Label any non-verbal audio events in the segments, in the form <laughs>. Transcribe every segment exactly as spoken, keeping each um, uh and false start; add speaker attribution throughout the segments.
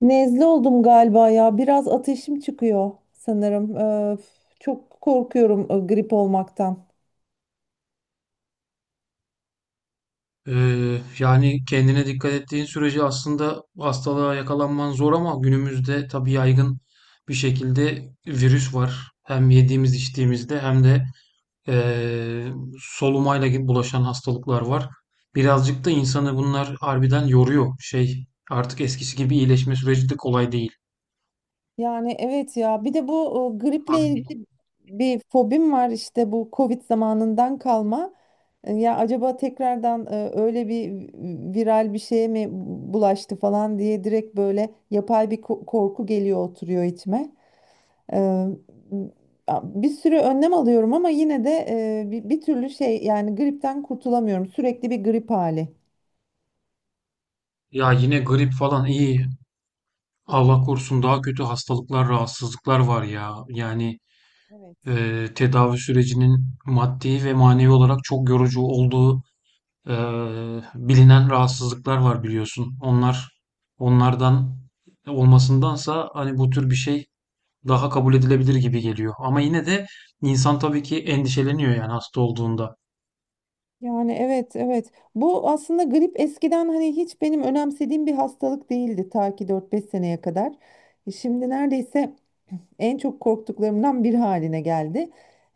Speaker 1: Nezle oldum galiba ya. Biraz ateşim çıkıyor sanırım. Ee, f- çok korkuyorum e, grip olmaktan.
Speaker 2: Ee, yani kendine dikkat ettiğin sürece aslında hastalığa yakalanman zor ama günümüzde tabii yaygın bir şekilde virüs var. Hem yediğimiz içtiğimizde hem de eee solumayla gibi bulaşan hastalıklar var. Birazcık da insanı bunlar harbiden yoruyor. Şey artık eskisi gibi iyileşme süreci de kolay değil.
Speaker 1: Yani evet ya. Bir de bu e, griple
Speaker 2: Hak-
Speaker 1: ilgili bir fobim var, işte bu Covid zamanından kalma. E, Ya acaba tekrardan e, öyle bir viral bir şeye mi bulaştı falan diye direkt böyle yapay bir ko- korku geliyor, oturuyor içime. Eee, Bir sürü önlem alıyorum ama yine de eee, bir, bir türlü şey, yani gripten kurtulamıyorum. Sürekli bir grip hali.
Speaker 2: Ya yine grip falan iyi. Allah korusun daha kötü hastalıklar, rahatsızlıklar var ya. Yani
Speaker 1: Evet.
Speaker 2: e, tedavi sürecinin maddi ve manevi olarak çok yorucu olduğu e, bilinen rahatsızlıklar var biliyorsun. Onlar onlardan olmasındansa hani bu tür bir şey daha kabul edilebilir gibi geliyor. Ama yine de insan tabii ki endişeleniyor yani hasta olduğunda.
Speaker 1: Yani evet evet. Bu aslında grip eskiden hani hiç benim önemsediğim bir hastalık değildi, ta ki dört beş seneye kadar. E, Şimdi neredeyse en çok korktuklarımdan bir haline geldi.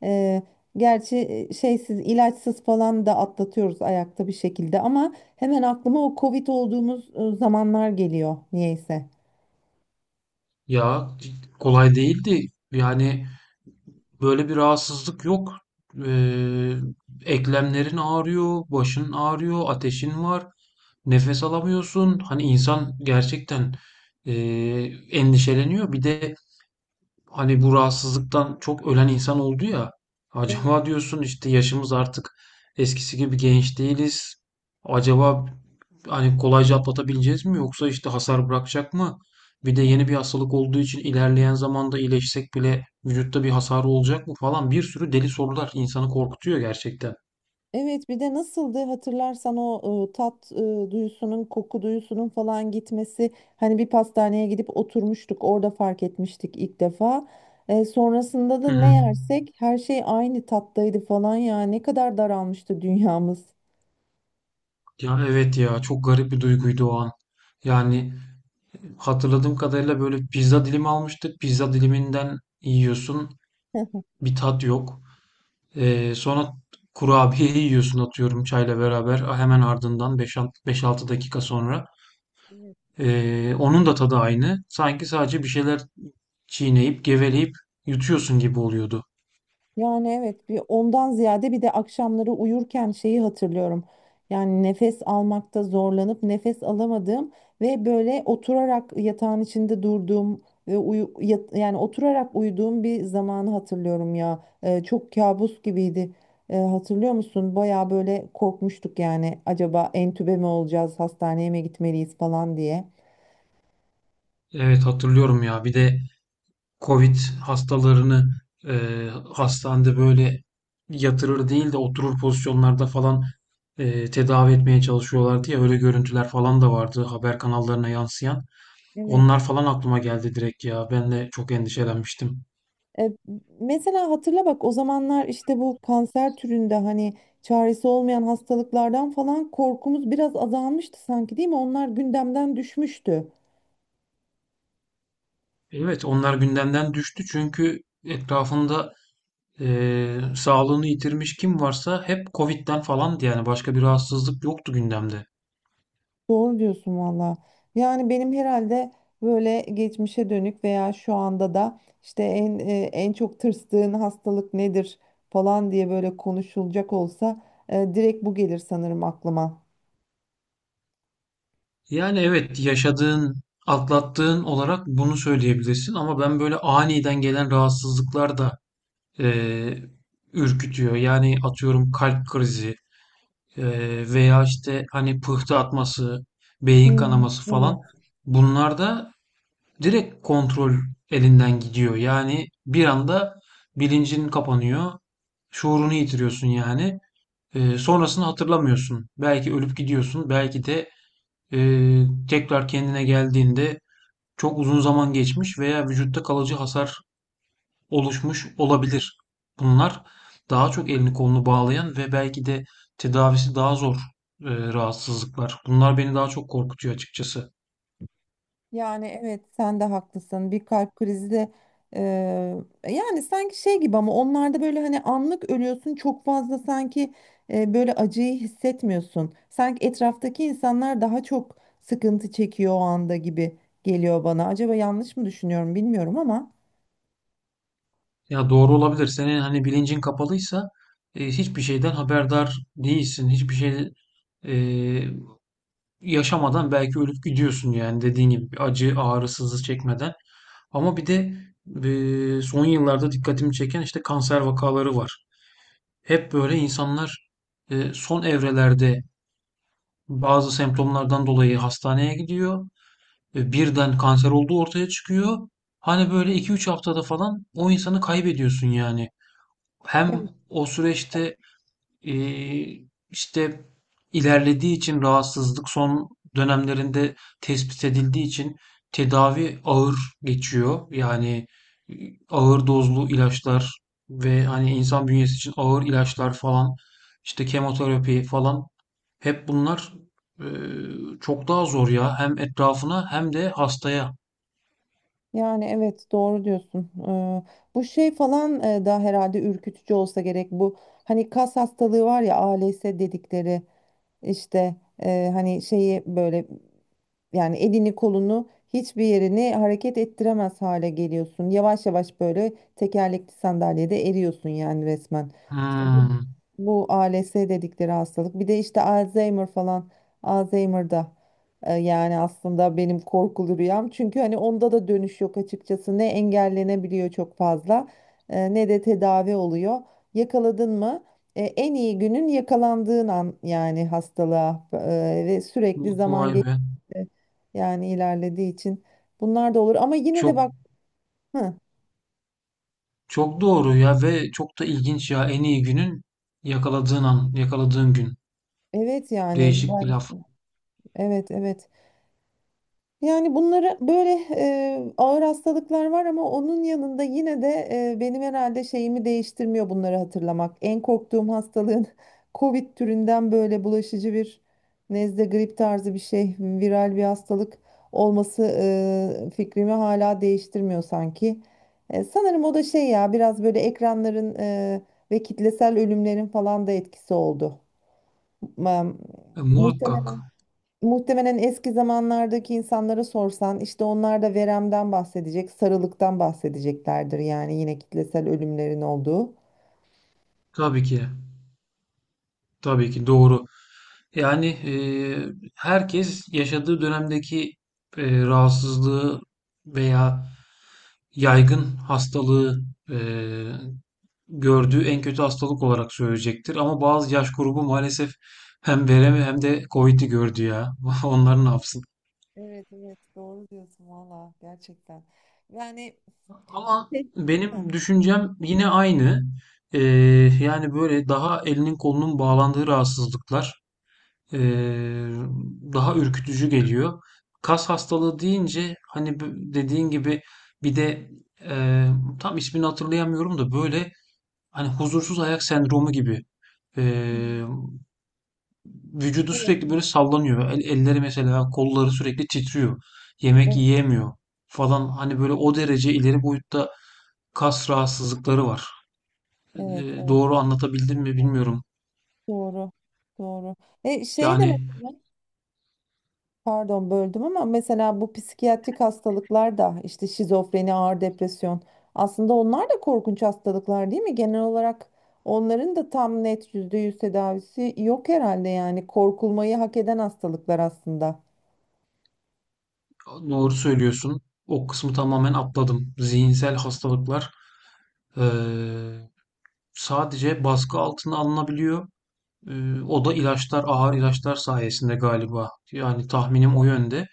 Speaker 1: Eee, Gerçi e, şeysiz, ilaçsız falan da atlatıyoruz ayakta bir şekilde, ama hemen aklıma o Covid olduğumuz e, zamanlar geliyor niyeyse.
Speaker 2: Ya kolay değildi. Yani böyle bir rahatsızlık yok. E, Eklemlerin ağrıyor, başın ağrıyor, ateşin var. Nefes alamıyorsun. Hani insan gerçekten, eee, endişeleniyor. Bir de hani bu rahatsızlıktan çok ölen insan oldu ya.
Speaker 1: Evet.
Speaker 2: Acaba diyorsun işte yaşımız artık eskisi gibi genç değiliz. Acaba hani kolayca atlatabileceğiz mi yoksa işte hasar bırakacak mı? Bir de
Speaker 1: Ya.
Speaker 2: yeni bir hastalık olduğu için ilerleyen zamanda iyileşsek bile vücutta bir hasar olacak mı falan bir sürü deli sorular insanı korkutuyor gerçekten.
Speaker 1: Evet, bir de nasıldı hatırlarsan o e, tat e, duyusunun, koku duyusunun falan gitmesi. Hani bir pastaneye gidip oturmuştuk, orada fark etmiştik ilk defa. E, sonrasında da
Speaker 2: Hı
Speaker 1: ne
Speaker 2: hı.
Speaker 1: yersek her şey aynı tattaydı falan ya, ne kadar daralmıştı dünyamız.
Speaker 2: Ya evet ya çok garip bir duyguydu o an. Yani hatırladığım kadarıyla böyle pizza dilimi almıştık. Pizza diliminden yiyorsun.
Speaker 1: <laughs>
Speaker 2: Bir tat yok. Ee, sonra kurabiye yiyorsun atıyorum çayla beraber. Hemen ardından beş altı dakika sonra. Ee, onun da tadı aynı. Sanki sadece bir şeyler çiğneyip geveleyip yutuyorsun gibi oluyordu.
Speaker 1: Yani evet, bir ondan ziyade bir de akşamları uyurken şeyi hatırlıyorum. Yani nefes almakta zorlanıp nefes alamadığım ve böyle oturarak yatağın içinde durduğum ve uyu, yat- yani oturarak uyuduğum bir zamanı hatırlıyorum ya. Ee, çok kabus gibiydi. Ee, hatırlıyor musun? Baya böyle korkmuştuk, yani acaba entübe mi olacağız, hastaneye mi gitmeliyiz falan diye.
Speaker 2: Evet hatırlıyorum ya. Bir de Covid hastalarını, eee, hastanede böyle yatırır değil de oturur pozisyonlarda falan, eee, tedavi etmeye çalışıyorlardı ya, öyle görüntüler falan da vardı haber kanallarına yansıyan.
Speaker 1: Evet.
Speaker 2: Onlar falan aklıma geldi direkt ya. Ben de çok endişelenmiştim.
Speaker 1: E, Mesela hatırla bak, o zamanlar işte bu kanser türünde hani çaresi olmayan hastalıklardan falan korkumuz biraz azalmıştı sanki, değil mi? Onlar gündemden düşmüştü.
Speaker 2: Evet, onlar gündemden düştü çünkü etrafında eee, sağlığını yitirmiş kim varsa hep Covid'den falandı yani başka bir rahatsızlık yoktu gündemde.
Speaker 1: Doğru diyorsun valla. Yani benim herhalde böyle geçmişe dönük veya şu anda da işte en e, en çok tırstığın hastalık nedir falan diye böyle konuşulacak olsa e, direkt bu gelir sanırım aklıma.
Speaker 2: Yani evet yaşadığın, atlattığın olarak bunu söyleyebilirsin ama ben böyle aniden gelen rahatsızlıklar da eee, ürkütüyor. Yani atıyorum kalp krizi eee, veya işte hani pıhtı atması, beyin
Speaker 1: Hmm,
Speaker 2: kanaması falan
Speaker 1: evet.
Speaker 2: bunlar da direkt kontrol elinden gidiyor. Yani bir anda bilincin kapanıyor, şuurunu yitiriyorsun yani. Eee, sonrasını hatırlamıyorsun. Belki ölüp gidiyorsun, belki de ee, tekrar kendine geldiğinde çok uzun zaman geçmiş veya vücutta kalıcı hasar oluşmuş olabilir. Bunlar daha çok elini kolunu bağlayan ve belki de tedavisi daha zor e, rahatsızlıklar. Bunlar beni daha çok korkutuyor açıkçası.
Speaker 1: Yani evet, sen de haklısın. Bir kalp krizi de eee, yani sanki şey gibi, ama onlarda böyle hani anlık ölüyorsun çok fazla, sanki e, böyle acıyı hissetmiyorsun. Sanki etraftaki insanlar daha çok sıkıntı çekiyor o anda gibi geliyor bana. Acaba yanlış mı düşünüyorum bilmiyorum ama.
Speaker 2: Ya doğru olabilir. Senin hani bilincin kapalıysa e, hiçbir şeyden haberdar değilsin. Hiçbir şey e, yaşamadan belki ölüp gidiyorsun yani dediğin gibi acı ağrı sızı çekmeden. Ama bir de e, son yıllarda dikkatimi çeken işte kanser vakaları var. Hep böyle insanlar e, son evrelerde bazı semptomlardan dolayı hastaneye gidiyor. Ve birden kanser olduğu ortaya çıkıyor. Hani böyle iki üç haftada falan o insanı kaybediyorsun yani. Hem
Speaker 1: Evet.
Speaker 2: o süreçte ee, işte ilerlediği için rahatsızlık son dönemlerinde tespit edildiği için tedavi ağır geçiyor. Yani e, ağır dozlu ilaçlar ve hani insan bünyesi için ağır ilaçlar falan işte kemoterapi falan hep bunlar e, çok daha zor ya. Hem etrafına hem de hastaya.
Speaker 1: Yani evet, doğru diyorsun. Eee, bu şey falan e, da herhalde ürkütücü olsa gerek bu. Hani kas hastalığı var ya, A L S dedikleri işte e, hani şeyi böyle, yani elini kolunu hiçbir yerini hareket ettiremez hale geliyorsun. Yavaş yavaş böyle tekerlekli sandalyede eriyorsun yani, resmen. İşte bu,
Speaker 2: Hmm,
Speaker 1: bu A L S dedikleri hastalık. Bir de işte Alzheimer falan. Alzheimer'da e, yani aslında benim korkulu rüyam. Çünkü hani onda da dönüş yok açıkçası. Ne engellenebiliyor çok fazla e, ne de tedavi oluyor. Yakaladın mı? E, en iyi günün yakalandığın an, yani hastalığa e, ve sürekli zaman
Speaker 2: Vay
Speaker 1: e,
Speaker 2: be.
Speaker 1: yani ilerlediği için, bunlar da olur ama yine de
Speaker 2: Çok
Speaker 1: bak, hı,
Speaker 2: Çok doğru ya ve çok da ilginç ya. En iyi günün yakaladığın an, yakaladığın gün.
Speaker 1: evet, yani
Speaker 2: Değişik bir
Speaker 1: ben,
Speaker 2: laf.
Speaker 1: evet evet. Yani bunları böyle e, ağır hastalıklar var, ama onun yanında yine de e, benim herhalde şeyimi değiştirmiyor bunları hatırlamak. En korktuğum hastalığın <laughs> Covid türünden böyle bulaşıcı bir nezle, grip tarzı bir şey, viral bir hastalık olması e, fikrimi hala değiştirmiyor sanki. E, sanırım o da şey ya, biraz böyle ekranların e, ve kitlesel ölümlerin falan da etkisi oldu. Ma-
Speaker 2: E, muhakkak.
Speaker 1: Muhtemelen. Muhtemelen eski zamanlardaki insanlara sorsan, işte onlar da veremden bahsedecek, sarılıktan bahsedeceklerdir. Yani yine kitlesel ölümlerin olduğu.
Speaker 2: Tabii ki. Tabii ki doğru. Yani e, herkes yaşadığı dönemdeki e, rahatsızlığı veya yaygın hastalığı e, gördüğü en kötü hastalık olarak söyleyecektir. Ama bazı yaş grubu maalesef hem veremi hem de Covid'i gördü ya. <laughs> Onlar ne yapsın?
Speaker 1: Evet evet, doğru diyorsun valla, gerçekten. Yani
Speaker 2: Ama
Speaker 1: Şey- hı.
Speaker 2: benim düşüncem yine aynı. Ee, Yani böyle daha elinin kolunun bağlandığı rahatsızlıklar ee, daha ürkütücü geliyor. Kas hastalığı deyince hani bu- dediğin gibi bir de ee, tam ismini hatırlayamıyorum da böyle hani huzursuz ayak sendromu gibi
Speaker 1: Hı.
Speaker 2: ee, vücudu
Speaker 1: Evet
Speaker 2: sürekli böyle sallanıyor. El- elleri mesela kolları sürekli titriyor. Yemek
Speaker 1: evet,
Speaker 2: yiyemiyor falan hani böyle o derece ileri boyutta kas rahatsızlıkları var.
Speaker 1: evet
Speaker 2: Eee,
Speaker 1: evet,
Speaker 2: doğru anlatabildim mi bilmiyorum.
Speaker 1: doğru doğru. E şey de
Speaker 2: Yani
Speaker 1: mesela, pardon böldüm ama, mesela bu psikiyatrik hastalıklar da, işte şizofreni, ağır depresyon, aslında onlar da korkunç hastalıklar değil mi? Genel olarak onların da tam net yüzde yüz tedavisi yok herhalde, yani korkulmayı hak eden hastalıklar aslında.
Speaker 2: doğru söylüyorsun. O kısmı tamamen atladım. Zihinsel hastalıklar eee, sadece baskı altına alınabiliyor. Eee, o da ilaçlar, ağır ilaçlar sayesinde galiba. Yani tahminim o yönde.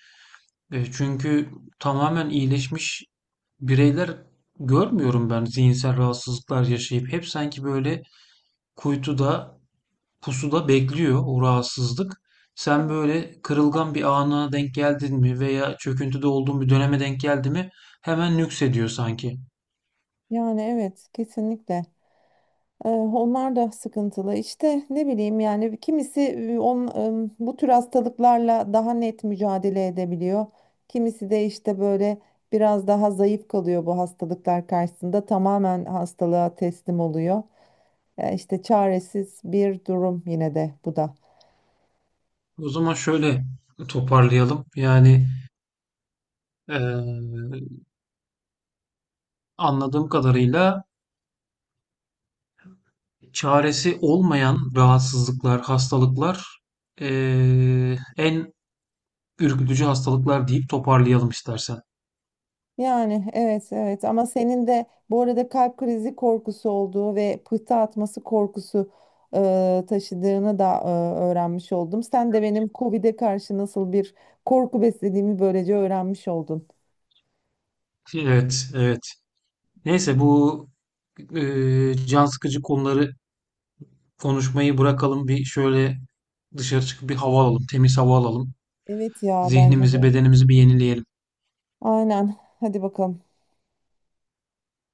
Speaker 2: Eee, çünkü tamamen iyileşmiş bireyler görmüyorum ben zihinsel rahatsızlıklar yaşayıp. Hep sanki böyle kuytuda pusuda bekliyor o rahatsızlık. Sen böyle kırılgan bir ana denk geldin mi veya çöküntüde olduğun bir döneme denk geldi mi hemen nüksediyor sanki.
Speaker 1: Yani evet kesinlikle. Ee, Onlar da sıkıntılı. İşte ne bileyim, yani kimisi e, on, e, bu tür hastalıklarla daha net mücadele edebiliyor. Kimisi de işte böyle biraz daha zayıf kalıyor bu hastalıklar karşısında. Tamamen hastalığa teslim oluyor. Ee, İşte çaresiz bir durum yine de bu da.
Speaker 2: O zaman şöyle toparlayalım. Yani eee, anladığım kadarıyla çaresi olmayan rahatsızlıklar, hastalıklar eee, en ürkütücü hastalıklar deyip toparlayalım istersen.
Speaker 1: Yani evet evet, ama senin de bu arada kalp krizi korkusu olduğu ve pıhtı atması korkusu e, taşıdığını da e, öğrenmiş oldum. Sen de benim COVID'e karşı nasıl bir korku beslediğimi böylece öğrenmiş oldun.
Speaker 2: Evet, evet. Neyse bu eee, can sıkıcı konuları konuşmayı bırakalım. Bir şöyle dışarı çıkıp bir hava alalım, temiz hava alalım.
Speaker 1: Evet ya, bence
Speaker 2: Zihnimizi,
Speaker 1: de.
Speaker 2: bedenimizi bir yenileyelim.
Speaker 1: Aynen. Hadi bakalım.